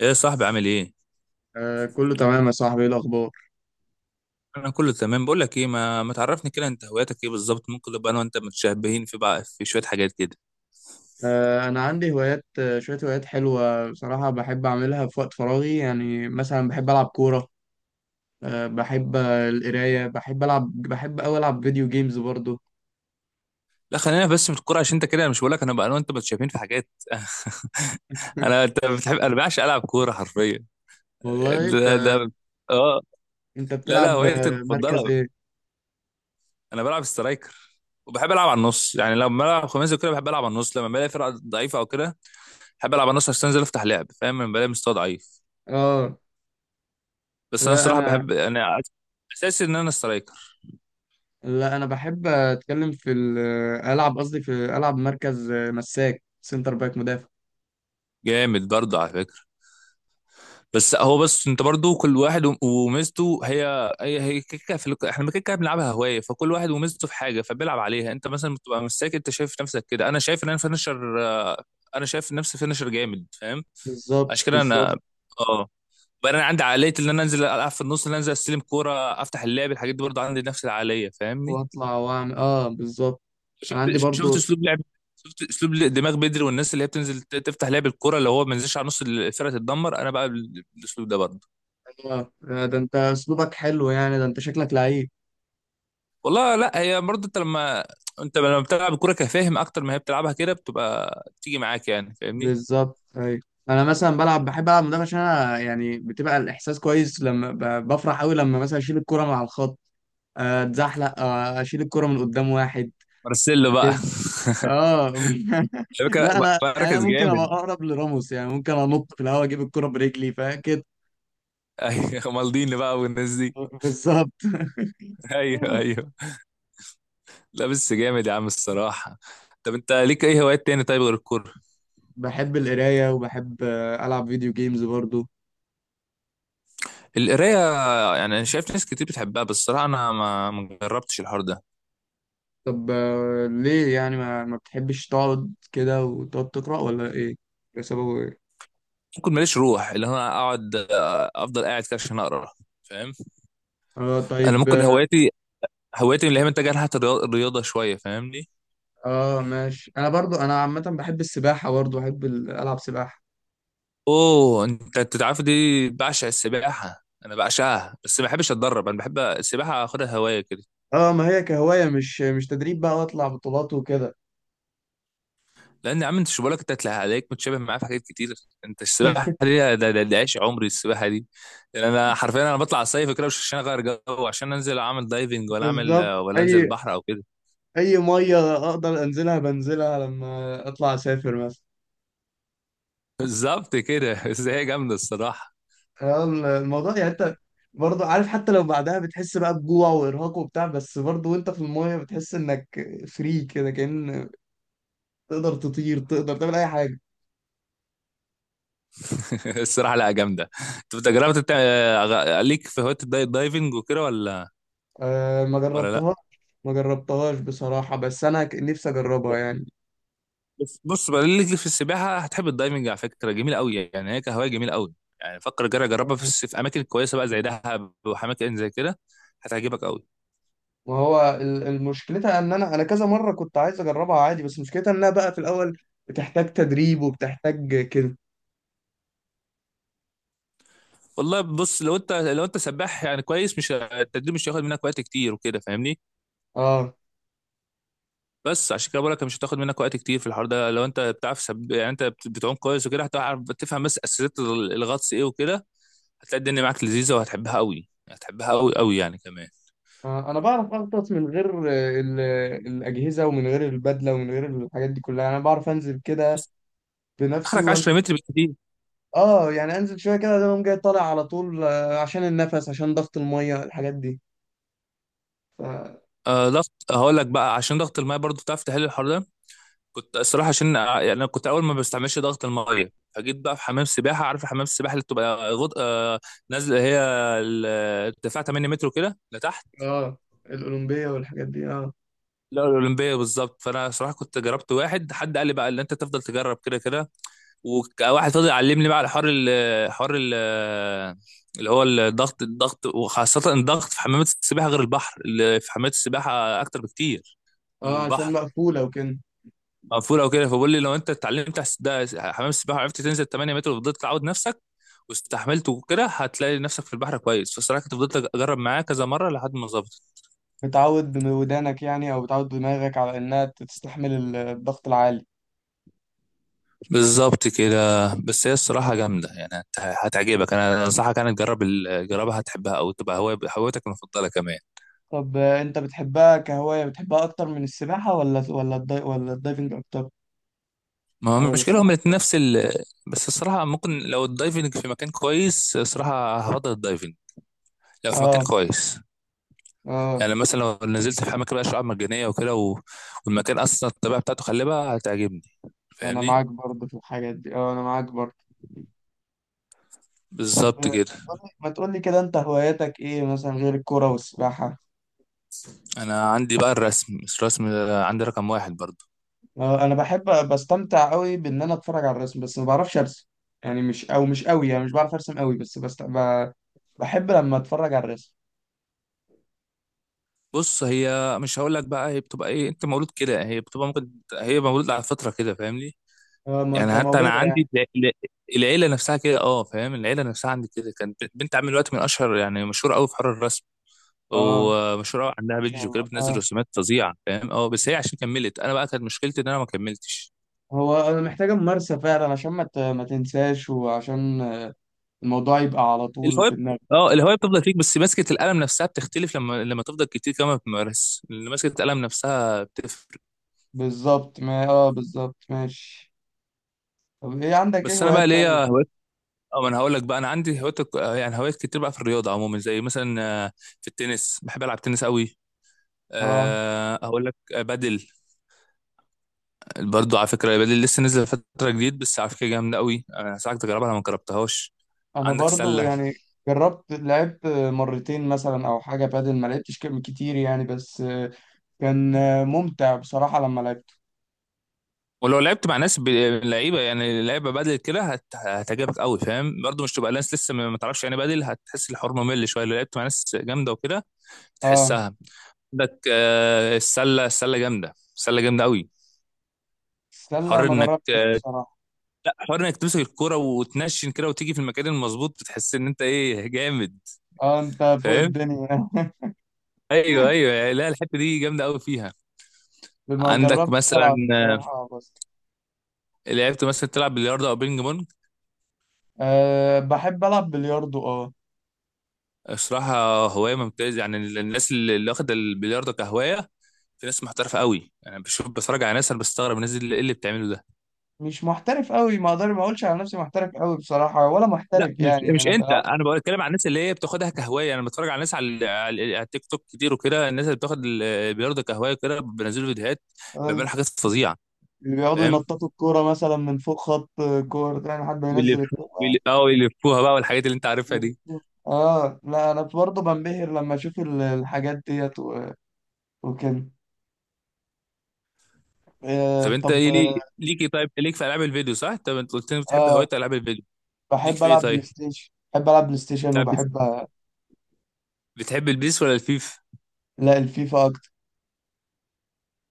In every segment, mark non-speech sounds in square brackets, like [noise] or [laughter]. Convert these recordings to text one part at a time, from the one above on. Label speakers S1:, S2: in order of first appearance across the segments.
S1: ايه يا صاحبي، عامل ايه؟
S2: آه كله تمام يا صاحبي، ايه الاخبار؟
S1: انا كله تمام. بقول لك ايه، ما تعرفني كده، انت هواياتك ايه بالظبط؟ ممكن نبقى انا وانت متشابهين في شويه حاجات كده.
S2: انا عندي هوايات، شويه هوايات حلوه بصراحه، بحب اعملها في وقت فراغي، يعني مثلا بحب العب كوره. بحب القرايه، بحب اوي العب فيديو جيمز برضو.
S1: لا، خلينا بس في الكوره عشان انت كده. انا مش بقول لك انا انا وانت متشابهين في حاجات. [laughs]
S2: [laughs]
S1: انت بتحب، انا بعشق العب كوره حرفيا.
S2: والله
S1: ده.
S2: انت،
S1: اه.
S2: انت
S1: لا لا،
S2: بتلعب
S1: هوايتي
S2: مركز
S1: المفضله
S2: ايه؟
S1: انا بلعب سترايكر. وبحب العب على النص، يعني لما بلعب خماسي وكده بحب العب على النص لما بلاقي فرقه ضعيفه او كده. بحب العب على النص عشان انزل افتح لعب، فاهم؟ لما بلاقي مستوى ضعيف.
S2: اه،
S1: بس انا
S2: لا
S1: الصراحه
S2: انا
S1: بحب انا اساسي ان انا سترايكر.
S2: بحب اتكلم في العب قصدي في العب مركز، مساك سنتر باك مدافع.
S1: جامد برضه على فكره. بس انت برضه كل واحد و- وميزته هي كيكه، احنا كيكه بنلعبها هوايه، فكل واحد وميزته في حاجه فبيلعب عليها. انت مثلا بتبقى مستني، انت شايف نفسك كده، انا شايف ان انا فينشر. انا شايف نفسي فينشر جامد، فاهم؟
S2: بالظبط،
S1: عشان كده
S2: بالظبط.
S1: انا اه بقى انا عندي عقليه ان انا انزل العب في النص، ان انا انزل استلم كوره افتح اللعب، الحاجات دي برضه عندي نفس العقليه، فاهمني؟
S2: واطلع واعمل، اه، بالظبط. انا
S1: شفت
S2: عندي
S1: شفت
S2: برضو.
S1: اسلوب لعب، شفت اسلوب دماغ بدري. والناس اللي هي بتنزل تفتح لعب الكرة، اللي هو ما ينزلش على نص الفرقه تتدمر. انا بقى بالاسلوب ده برضه.
S2: اه، ده انت اسلوبك حلو يعني، ده انت شكلك لعيب.
S1: والله لا، هي برضه انت لما بتلعب الكوره كفاهم اكتر ما هي بتلعبها كده، بتبقى بتيجي معاك، يعني فاهمني؟
S2: بالظبط، ايوه. انا مثلا بحب العب مدافع عشان انا يعني بتبقى الاحساس كويس، لما بفرح قوي لما مثلا اشيل الكرة مع الخط، اتزحلق، اشيل الكرة من قدام واحد
S1: مارسيلو بقى
S2: كده،
S1: [laughs]
S2: اه. [laughs]
S1: على فكره
S2: لا انا يعني انا
S1: بركز
S2: ممكن ابقى
S1: جامد [laughs]
S2: اقرب لراموس، يعني ممكن انط في الهواء اجيب الكرة برجلي، فاهم كده؟
S1: ايوه، مالديني بقى والناس دي.
S2: بالظبط.
S1: ايوه
S2: [laughs]
S1: ايوه. لا بس جامد يا عم الصراحه. طب انت ليك اي هوايات تاني طيب غير الكوره؟
S2: بحب القراية وبحب العب فيديو جيمز برضو.
S1: القرايه؟ يعني انا شايف ناس كتير بتحبها، بس الصراحه انا ما جربتش الحوار ده.
S2: طب، ليه يعني ما بتحبش تقعد كده وتقعد تقرأ ولا ايه؟ ده سببه ايه؟
S1: ممكن ماليش روح اللي انا اقعد آه، افضل قاعد كده عشان اقرا، فاهم؟
S2: اه،
S1: انا
S2: طيب،
S1: ممكن
S2: اه.
S1: هوايتي اللي هي متجهه ناحيه الرياضه شويه، فاهمني؟
S2: ماشي، انا برضو انا عامة بحب السباحة، برضو بحب العب سباحة.
S1: اوه انت تعرف دي، بعشق السباحه، انا بعشقها، بس ما بحبش اتدرب. انا بحب السباحه اخدها هوايه كده.
S2: اه، ما هي كهواية، مش تدريب بقى واطلع بطولات وكده.
S1: لان يا عم انت شو بالك، انت هتلاقي عليك متشابه معايا في حاجات كتير. انت السباحه
S2: [laughs]
S1: دي، ده عيش عمري السباحه دي. يعني انا حرفيا انا بطلع الصيف كده مش عشان اغير جو، عشان انزل اعمل دايفنج، ولا اعمل،
S2: بالظبط.
S1: ولا انزل
S2: اي
S1: البحر او كده.
S2: اي مية اقدر انزلها بنزلها، لما اطلع اسافر مثلا.
S1: بالظبط كده [laughs] بس هي جامده الصراحه.
S2: اه. الموضوع يعني، انت برضو عارف، حتى لو بعدها بتحس بقى بجوع وارهاق وبتاع، بس برضو وانت في المية بتحس انك فري، كده كأن تقدر تطير، تقدر تعمل اي حاجه.
S1: [laughs] الصراحه لا جامده. طب انت جربت بتاع، ليك في هوايه الدايت دايفنج وكده ولا؟
S2: أه، ما
S1: ولا لا.
S2: جربتهاش. ما جربتهاش بصراحه، بس انا نفسي اجربها يعني.
S1: بص، بص بقى، ليك في السباحه هتحب الدايفنج على فكره. جميله قوي يعني، هي كهوايه جميله قوي. يعني فكر، جرب جربها في اماكن كويسه بقى زي دهب واماكن زي كده. هتعجبك قوي.
S2: وهو المشكلتها ان انا كذا مره كنت عايز اجربها عادي، بس مشكلتها انها بقى في الاول بتحتاج تدريب وبتحتاج كده.
S1: والله، بص لو انت سباح يعني كويس، مش التدريب مش هياخد منك وقت كتير وكده، فاهمني؟
S2: اه.
S1: بس عشان كده بقول لك مش هتاخد منك وقت كتير في الحوار ده، لو انت بتعرف يعني انت بتعوم كويس وكده، هتعرف تفهم بس اساسيات الغطس ايه وكده. هتلاقي الدنيا معاك لذيذة وهتحبها قوي، هتحبها قوي قوي يعني كمان.
S2: انا بعرف اغطس من غير الاجهزه ومن غير البدله ومن غير الحاجات دي كلها، انا بعرف انزل كده
S1: بس
S2: بنفسي
S1: اخرك
S2: وان.
S1: 10 متر بالكتير.
S2: اه، يعني انزل شويه كده، اقوم جاي طالع على طول، عشان النفس، عشان ضغط الميه، الحاجات دي.
S1: ضغط، هقول لك بقى عشان ضغط الماء برضو تعرف تحل الحوار ده. كنت الصراحة عشان يعني أنا كنت أول ما بستعملش ضغط المية، فجيت بقى في حمام سباحة. عارف حمام السباحة اللي بتبقى غط... آه نازلة هي ال- ارتفاع 8 متر كده لتحت.
S2: اه. الأولمبية والحاجات دي، اه.
S1: لا، الأولمبية بالظبط. فأنا صراحة كنت جربت، حد قال لي بقى اللي أنت تفضل تجرب كده كده، وواحد فضل يعلمني بقى على حوار اللي هو الضغط وخاصة الضغط في حمامات السباحة غير البحر، اللي في حمامات السباحة أكتر بكتير من
S2: اه، عشان
S1: البحر.
S2: مقفولة وكده.
S1: مقفول أو كده، فبقول لي لو أنت اتعلمت على ده حمام السباحة وعرفت تنزل 8 متر وفضلت تعود نفسك واستحملت وكده، هتلاقي نفسك في البحر كويس. فالصراحة كنت فضلت أجرب معاه كذا مرة لحد ما ظبطت.
S2: بتعود بودانك يعني، أو بتعود دماغك على إنها تستحمل الضغط العالي.
S1: بالظبط كده. بس هي الصراحة جامدة، يعني هتعجبك. أنا أنصحك تجرب، تجربها، هتحبها أو تبقى هوايتك المفضلة كمان.
S2: طب، أنت بتحبها كهواية؟ بتحبها أكتر من السباحة، ولا الدايفنج أكتر؟
S1: ما هو
S2: ولا
S1: المشكلة هم
S2: السباحة؟
S1: الاتنين نفس. بس الصراحة ممكن لو الدايفنج في مكان كويس، الصراحة هفضل الدايفنج لو في مكان
S2: اه،
S1: كويس.
S2: اه.
S1: يعني مثلا لو نزلت في أماكن بقى شعاب مرجانية وكده، والمكان أصلا الطبيعة بتاعته خلابة هتعجبني،
S2: أنا
S1: فاهمني؟
S2: معاك برضه في الحاجات دي، اه، أنا معاك برضه. طب،
S1: بالظبط كده.
S2: ما تقولي كده، أنت هواياتك إيه مثلا غير الكورة والسباحة؟
S1: أنا عندي بقى الرسم، بس الرسم ده عندي رقم واحد برضه.
S2: انا بستمتع قوي بان انا اتفرج على الرسم، بس ما بعرفش ارسم. يعني مش قوي، يعني مش بعرف ارسم قوي، بس بحب لما اتفرج على الرسم.
S1: بص، هي مش هقول لك بقى، هي بتبقى ايه، انت مولود كده، هي بتبقى ممكن هي مولود على فترة كده، فاهمني؟ يعني حتى انا
S2: كموهبه يعني.
S1: عندي العيله نفسها كده، فاهم؟ العيله نفسها عندي كده كانت بنت عامل دلوقتي من اشهر، يعني مشهوره قوي في حوار الرسم،
S2: اه،
S1: ومشهوره قوي، عندها
S2: ما شاء
S1: بيج وكده
S2: الله،
S1: بتنزل
S2: اه.
S1: رسومات فظيعه فاهم. اه بس هي عشان كملت، انا بقى كانت مشكلتي ان انا ما كملتش
S2: هو انا محتاجه ممارسه فعلا، عشان ما تنساش، وعشان الموضوع يبقى على طول
S1: الهوايه.
S2: في دماغك.
S1: اه الهوايه بتفضل فيك، بس ماسكه القلم نفسها بتختلف. لما تفضل كتير كمان بتمارس، اللي ماسكه القلم نفسها بتفرق.
S2: بالظبط، ما اه بالظبط، ماشي. طب، عندك ايه
S1: بس انا
S2: هوايات
S1: بقى
S2: تانية؟
S1: ليا هوايات. اه ما انا هقول لك بقى انا عندي هوايات، يعني هوايات كتير بقى في الرياضه عموما، زي مثلا في التنس بحب العب تنس قوي.
S2: اه،
S1: هقول لك بدل. برضو على فكرة بدل لسه نزل فترة جديد، بس على فكرة جامدة قوي، أنا هساعدك تجربها لو ما جربتهاش.
S2: انا
S1: عندك
S2: برضو
S1: سلة.
S2: يعني، لعبت مرتين مثلا او حاجه بادل، ما لعبتش كتير يعني، بس كان ممتع بصراحة لما لعبته.
S1: ولو لعبت مع ناس لعيبة بدل كده هتعجبك قوي فاهم، برضو مش تبقى ناس لسه ما تعرفش يعني، بدل هتحس الحوار ممل شوية لو لعبت مع ناس جامدة وكده
S2: اه.
S1: تحسها. عندك السلة جامدة، السلة جامدة قوي.
S2: السلة
S1: حر
S2: ما
S1: انك
S2: جربتش بصراحة.
S1: حر انك تمسك الكرة وتنشن كده وتيجي في المكان المظبوط، بتحس ان انت ايه، جامد
S2: اه، انت فوق
S1: فاهم؟
S2: الدنيا.
S1: ايوه ايوه. لا الحتة دي جامدة قوي فيها.
S2: [laughs] ما
S1: عندك
S2: جربتش
S1: مثلا،
S2: العب بصراحة، بس.
S1: لعبت مثلا تلعب بلياردو او بينج بونج؟
S2: أه، بحب العب بلياردو، اه.
S1: الصراحه هوايه ممتازه، يعني الناس اللي واخده البلياردو كهوايه، في ناس محترفه قوي، يعني بشوف بتفرج على ناس، انا بستغرب الناس اللي ايه اللي بتعمله ده.
S2: مش محترف قوي، ما اقولش على نفسي محترف قوي بصراحة، ولا
S1: لا
S2: محترف،
S1: مش،
S2: يعني انا
S1: انت،
S2: بلعب.
S1: انا بتكلم عن الناس اللي هي بتاخدها كهوايه. يعني انا بتفرج على ناس على التيك توك كتير وكده، الناس اللي بتاخد البلياردو كهوايه كده بينزلوا فيديوهات، بيعملوا حاجات
S2: [laughs]
S1: فظيعه
S2: اللي بيقعدوا
S1: فاهم.
S2: ينططوا الكورة مثلا من فوق خط كورة ده، يعني حد ينزل
S1: ويلفوها،
S2: الكورة.
S1: يلفوها بقى والحاجات اللي انت عارفها دي.
S2: اه، لا انا برضه بنبهر لما اشوف الحاجات ديت، وكده.
S1: طب انت
S2: طب،
S1: ايه ليك ايه؟ طيب ليك في العاب الفيديو صح؟ طب انت قلت لي بتحب
S2: اه.
S1: هوايه العاب الفيديو، ليك في ايه طيب؟
S2: بحب العب بلاي ستيشن، وبحب
S1: بتحب البيس ولا الفيفا؟
S2: لا، الفيفا اكتر.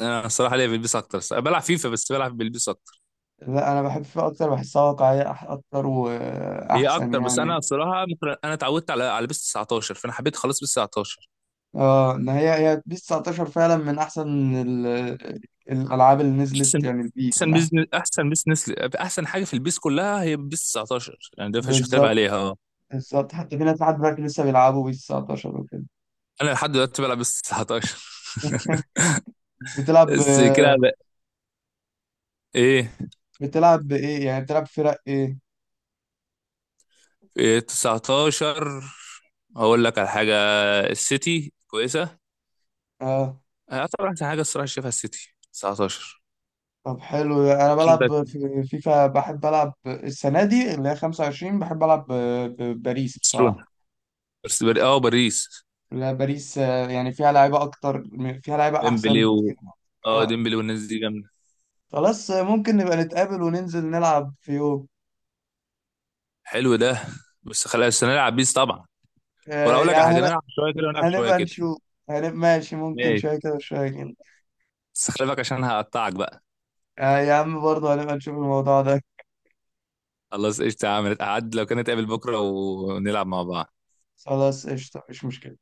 S1: انا الصراحه ليا في البيس اكتر الصراحة. بلعب فيفا، بس بلعب بالبيس اكتر.
S2: لا، انا بحب الفيفا اكتر، بحسها واقعيه اكتر
S1: هي
S2: واحسن
S1: اكتر، بس انا
S2: يعني.
S1: الصراحه ممكن انا اتعودت على بيس 19، فانا حبيت خلاص بيس 19.
S2: اه، ان هي بيس 19 فعلا من احسن الالعاب اللي نزلت،
S1: احسن
S2: يعني البيس من
S1: احسن
S2: احسن.
S1: بيزنس، احسن بيزنس، احسن حاجه في البيس كلها هي بيس 19 يعني، ده مفيش اختلاف
S2: بالظبط،
S1: عليها، اه.
S2: بالظبط. حتى في ناس لحد دلوقتي لسه بيلعبوا بيس 19 وكده.
S1: انا لحد دلوقتي بلعب بيس 19.
S2: [laughs]
S1: [laughs]
S2: بتلعب
S1: بس كده
S2: ب-
S1: بقى. ايه
S2: بتلعب بايه، يعني بتلعب فرق ايه؟
S1: إيه، 19. هقول لك على حاجه، السيتي كويسه.
S2: اه.
S1: اعتبر احسن حاجه الصراحه شايفها السيتي 19.
S2: طب حلو. انا
S1: عندك
S2: بلعب في فيفا، بحب العب السنه دي اللي هي 25. بحب العب باريس
S1: برشلونه،
S2: بصراحه.
S1: بس بر... اه باريس.
S2: لا، باريس، يعني فيها لعيبه
S1: ديمبلي
S2: احسن كتير.
S1: و اه
S2: آه،
S1: ديمبلي والناس دي جامده.
S2: خلاص، ممكن نبقى نتقابل وننزل نلعب في يوم.
S1: حلو ده، بس خلاص بس نلعب بيس طبعا. ولا اقول لك على
S2: يعني
S1: حاجه، نلعب شويه كده ونلعب شويه
S2: هنبقى
S1: كده.
S2: نشوف، هنبقى ماشي، ممكن
S1: ماشي.
S2: شويه كده وشويه كده.
S1: بس خلي بالك عشان هقطعك بقى.
S2: يا عم، برضه هنبقى نشوف الموضوع ده.
S1: خلاص قشطه، عملت قعد لو كانت قابل بكره ونلعب مع بعض.
S2: خلاص، قشطه، مش مشكله.